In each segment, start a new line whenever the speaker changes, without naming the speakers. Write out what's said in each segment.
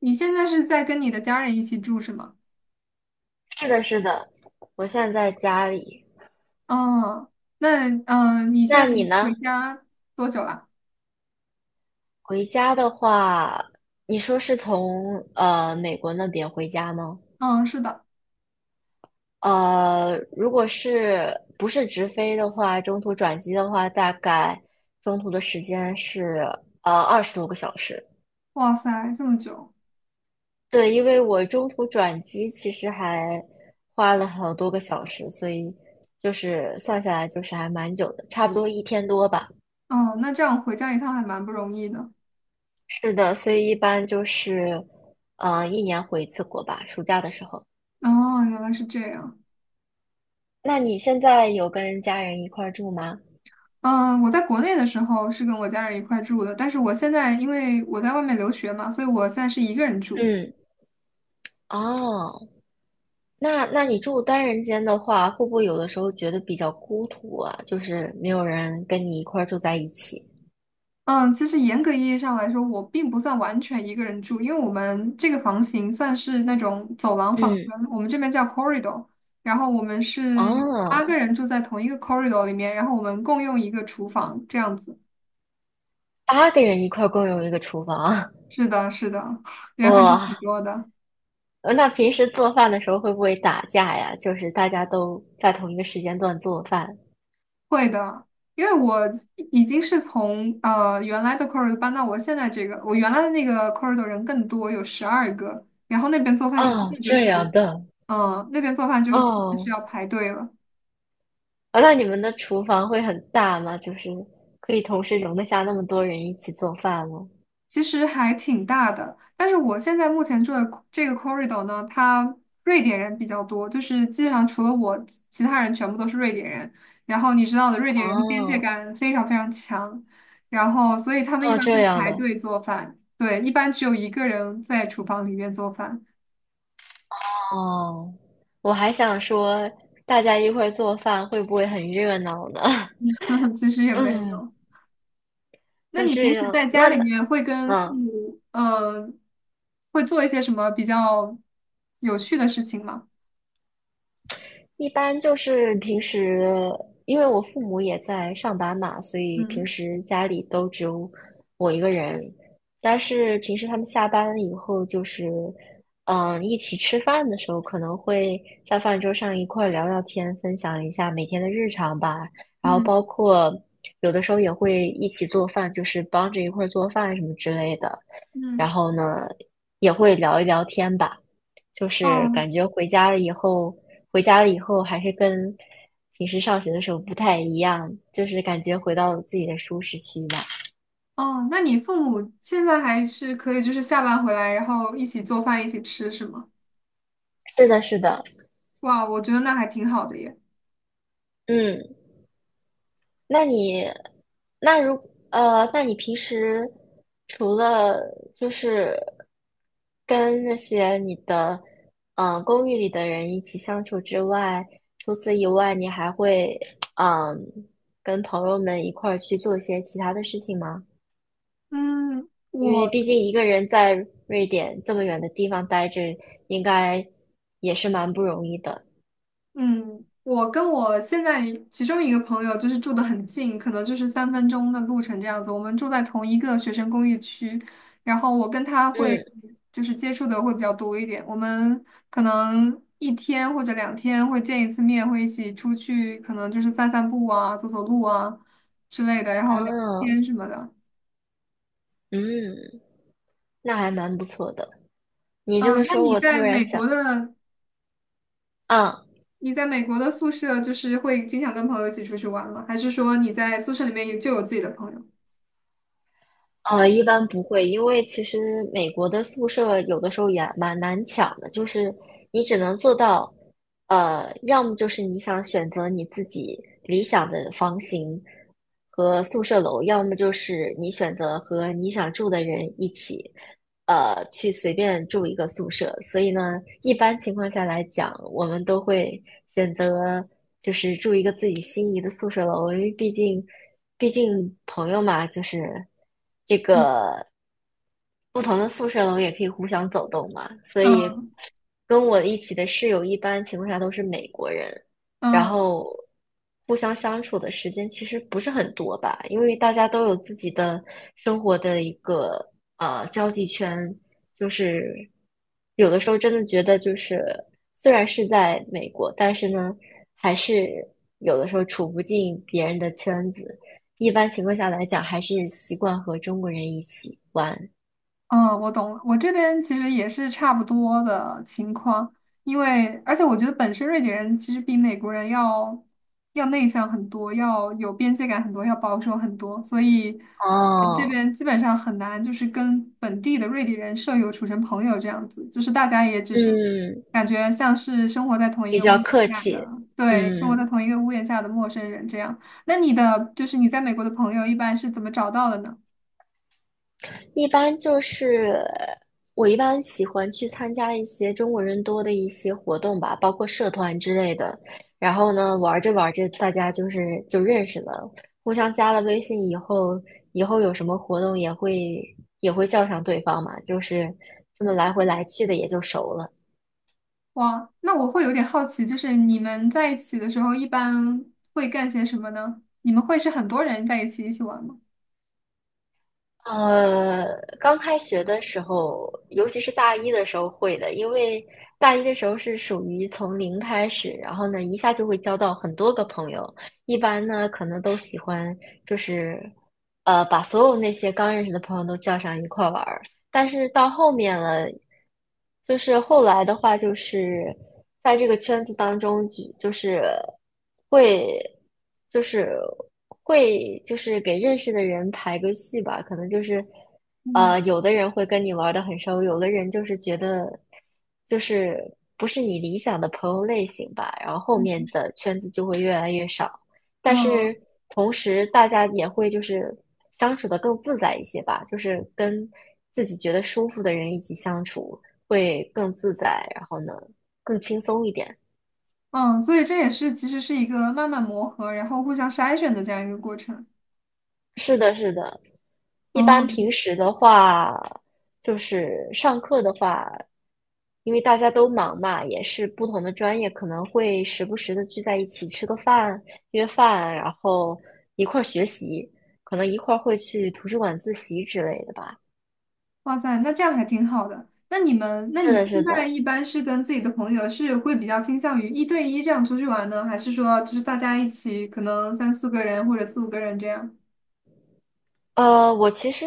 你现在是在跟你的家人一起住是吗？
是的，是的，我现在在家里。
嗯，那你现在
那你呢？
回家多久了？
回家的话，你说是从美国那边回家吗？
嗯，是的。
如果是不是直飞的话，中途转机的话，大概中途的时间是20多个小时。
哇塞，这么久。
对，因为我中途转机其实还花了好多个小时，所以就是算下来就是还蛮久的，差不多一天多吧。
哦，那这样回家一趟还蛮不容易的。
是的，所以一般就是，一年回一次国吧，暑假的时候。
哦，原来是这样。
那你现在有跟家人一块儿住吗？
嗯，我在国内的时候是跟我家人一块住的，但是我现在因为我在外面留学嘛，所以我现在是一个人住。
嗯，哦，那你住单人间的话，会不会有的时候觉得比较孤独啊？就是没有人跟你一块儿住在一起。
嗯，其实严格意义上来说，我并不算完全一个人住，因为我们这个房型算是那种走廊房
嗯，
间，我们这边叫 corridor，然后我们是八个
哦，
人住在同一个 corridor 里面，然后我们共用一个厨房，这样子。
八个人一块儿共用一个厨房，
是的，是的，人还是挺
哇，
多的。
那平时做饭的时候会不会打架呀？就是大家都在同一个时间段做饭。
会的，因为我已经是从原来的 corridor 搬到我现在这个，我原来的那个 corridor 人更多，有十二个，然后那边做饭是真
哦，
的就
这
是，
样的，
那边做饭就是真的是
哦。
要排队了。
啊，那你们的厨房会很大吗？就是可以同时容得下那么多人一起做饭吗？
其实还挺大的，但是我现在目前住的这个 corridor 呢，它瑞典人比较多，就是基本上除了我，其他人全部都是瑞典人。然后你知道的，瑞典人的边界
哦，
感非常非常强，然后所以他们一
哦，
般
这
会
样
排
的，
队做饭，对，一般只有一个人在厨房里面做饭，
哦，我还想说，大家一块儿做饭会不会很热闹呢？
其实也 没
嗯，
有。那
那
你平
这
时
样，
在家里面会跟父
嗯。
母，会做一些什么比较有趣的事情吗？
一般就是平时，因为我父母也在上班嘛，所以平
嗯。
时家里都只有我一个人。但是平时他们下班以后，就是一起吃饭的时候，可能会在饭桌上一块儿聊聊天，分享一下每天的日常吧。然后
嗯。
包括有的时候也会一起做饭，就是帮着一块儿做饭什么之类的。然
嗯。
后呢，也会聊一聊天吧。就是
哦。
感觉回家了以后，还是跟平时上学的时候不太一样，就是感觉回到了自己的舒适区吧。
哦，那你父母现在还是可以，就是下班回来，然后一起做饭，一起吃，是吗？
是的，是的，
哇，我觉得那还挺好的耶。
嗯，那你，那如那你平时除了就是跟那些你的公寓里的人一起相处之外，除此以外，你还会嗯、跟朋友们一块儿去做一些其他的事情吗？
嗯，
因为
我
毕竟一个人在瑞典这么远的地方待着，应该也是蛮不容易的。
嗯，我跟我现在其中一个朋友就是住的很近，可能就是三分钟的路程这样子。我们住在同一个学生公寓区，然后我跟他会
嗯，
接触的会比较多一点。我们可能一天或者两天会见一次面，会一起出去，可能就是散散步啊、走走路啊之类的，然后
啊，
聊天什么的。
嗯，那还蛮不错的。你这
嗯，
么
那
说，
你
我突
在
然
美
想，
国的
啊。
你在美国的宿舍就是会经常跟朋友一起出去玩吗？还是说你在宿舍里面有自己的朋友？
一般不会，因为其实美国的宿舍有的时候也蛮难抢的，就是你只能做到，要么就是你想选择你自己理想的房型和宿舍楼，要么就是你选择和你想住的人一起，去随便住一个宿舍。所以呢，一般情况下来讲，我们都会选择就是住一个自己心仪的宿舍楼，因为毕竟朋友嘛，就是。不同的宿舍楼也可以互相走动嘛，所以
嗯。
跟我一起的室友一般情况下都是美国人，然
嗯。
后互相相处的时间其实不是很多吧，因为大家都有自己的生活的一个交际圈，就是有的时候真的觉得就是虽然是在美国，但是呢还是有的时候处不进别人的圈子，一般情况下来讲还是习惯和中国人一起玩。
嗯，我懂了。我这边其实也是差不多的情况，因为而且我觉得本身瑞典人其实比美国人要内向很多，要有边界感很多，要保守很多，所以这
哦，
边基本上很难就是跟本地的瑞典人舍友处成朋友这样子，就是大家也只是
嗯，
感觉像是生活在同一
比
个屋
较
檐
客
下的，
气。
对，生活
嗯，
在同一个屋檐下的陌生人这样。那你在美国的朋友一般是怎么找到的呢？
一般就是我一般喜欢去参加一些中国人多的一些活动吧，包括社团之类的。然后呢，玩着玩着，大家就认识了，互相加了微信以后，以后有什么活动也会叫上对方嘛，就是这么来回来去的也就熟了。
哇，那我会有点好奇，就是你们在一起的时候一般会干些什么呢？你们会是很多人在一起玩吗？
呃，刚开学的时候，尤其是大一的时候会的，因为大一的时候是属于从零开始，然后呢，一下就会交到很多个朋友。一般呢，可能都喜欢就是，把所有那些刚认识的朋友都叫上一块儿玩儿。但是到后面了，就是后来的话，就是在这个圈子当中，就是会，就是会，就是给认识的人排个序吧。可能就是，
嗯。
有的人会跟你玩的很熟，有的人就是觉得，就是不是你理想的朋友类型吧。然后后面
嗯。
的圈子就会越来越少。但
嗯。
是同时大家也会就是相处的更自在一些吧，就是跟自己觉得舒服的人一起相处会更自在，然后呢更轻松一点。
嗯，所以这其实是一个慢慢磨合，然后互相筛选的这样一个过程。
是的，是的。一般
哦，
平时的话，就是上课的话，因为大家都忙嘛，也是不同的专业，可能会时不时的聚在一起吃个饭、约饭，然后一块儿学习，可能一块儿会去图书馆自习之类的吧。
哇塞，那这样还挺好的。那你们，那
是
你
的，
现
是
在
的，
一般是跟自己的朋友是会比较倾向于一对一这样出去玩呢，还是说就是大家一起可能三四个人或者四五个人这样？
呃，我其实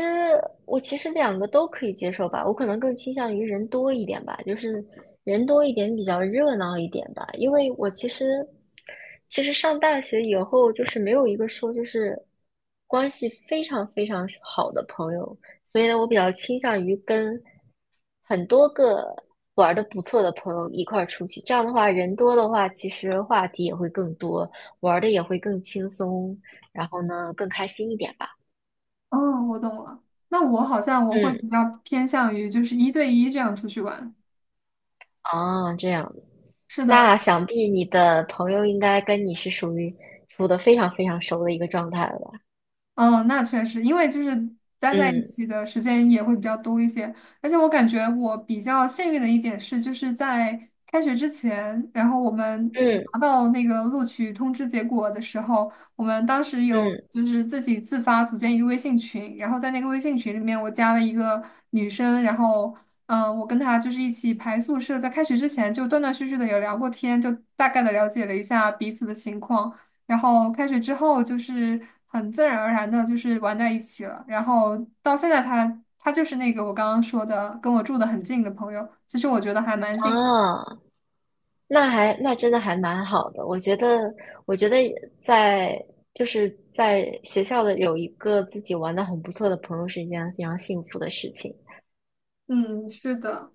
我其实两个都可以接受吧，我可能更倾向于人多一点吧，就是人多一点比较热闹一点吧，因为我其实上大学以后就是没有一个说就是关系非常非常好的朋友，所以呢，我比较倾向于跟很多个玩的不错的朋友一块儿出去，这样的话人多的话，其实话题也会更多，玩的也会更轻松，然后呢更开心一点吧。
哦，我懂了。那我好像我会
嗯，
比较偏向于就是一对一这样出去玩。
哦，这样，
是的，
那想必你的朋友应该跟你是属于处得非常非常熟的一个状态了吧？
嗯，那确实，因为就是待在一
嗯
起的时间也会比较多一些，而且我感觉我比较幸运的一点是，就是在开学之前，然后我
嗯
拿到那个录取通知结果的时候，我们当时有
嗯，
就是自己自发组建一个微信群，然后在那个微信群里面，我加了一个女生，然后我跟她就是一起排宿舍，在开学之前就断断续续的有聊过天，就大概的了解了一下彼此的情况。然后开学之后就是很自然而然的，就是玩在一起了。然后到现在他就是那个我刚刚说的，跟我住的很近的朋友。其实我觉得还蛮幸运。
啊，那真的还蛮好的。我觉得在就是学校的有一个自己玩的很不错的朋友是一件非常幸福的事情。
嗯，是的。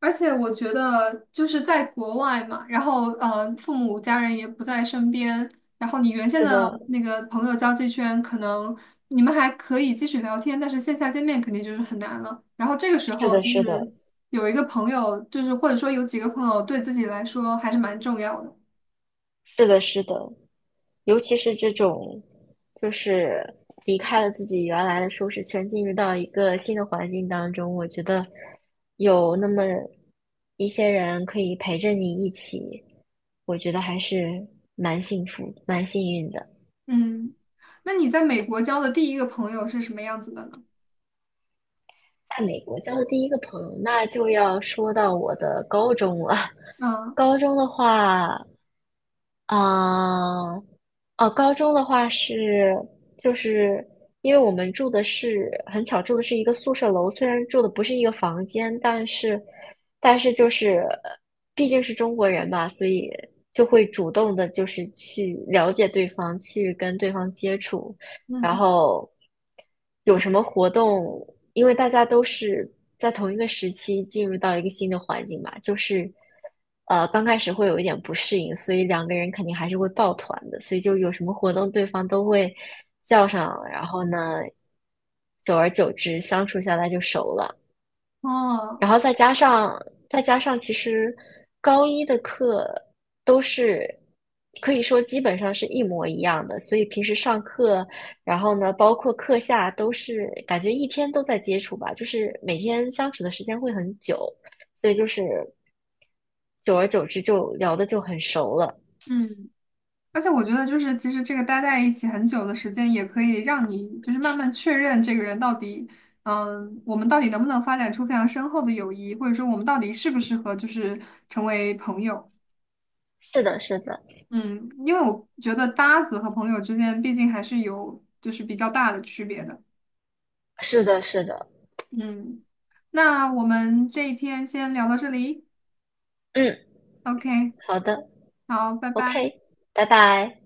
而且我觉得就是在国外嘛，然后，父母家人也不在身边，然后你原先
是
的
的，
那个朋友交际圈，可能你们还可以继续聊天，但是线下见面肯定就是很难了。然后这个时
是
候
的，
就
是
是
的，
有一个朋友，就是或者说有几个朋友，对自己来说还是蛮重要的。
是的，是的。尤其是这种，就是离开了自己原来的舒适圈，进入到一个新的环境当中，我觉得有那么一些人可以陪着你一起，我觉得还是蛮幸福、蛮幸运的。
嗯，那你在美国交的第一个朋友是什么样子的呢？
在美国交的第一个朋友，那就要说到我的高中了。
嗯。
高中的话，啊、哦，高中的话是，就是因为我们住的是很巧，住的是一个宿舍楼，虽然住的不是一个房间，但是就是毕竟是中国人嘛，所以就会主动的，就是去了解对方，去跟对方接触。然
嗯。
后有什么活动？因为大家都是在同一个时期进入到一个新的环境嘛，就是刚开始会有一点不适应，所以两个人肯定还是会抱团的，所以就有什么活动对方都会叫上，然后呢，久而久之相处下来就熟了。
哦。
然后再加上，其实高一的课都是可以说基本上是一模一样的，所以平时上课，然后呢，包括课下都是感觉一天都在接触吧，就是每天相处的时间会很久，所以就是久而久之就聊的就很熟了。
嗯。而且我觉得，就是其实这个待在一起很久的时间，也可以让你就是慢慢确认这个人到底，嗯，我们到底能不能发展出非常深厚的友谊，或者说我们到底适不适合就是成为朋友。
是的，是的，
嗯，因为我觉得搭子和朋友之间毕竟还是有就是比较大的区别的。
是的，是的，
嗯，那我们这一天先聊到这里
嗯，
，OK，
好的
好，拜拜。
，OK，拜拜。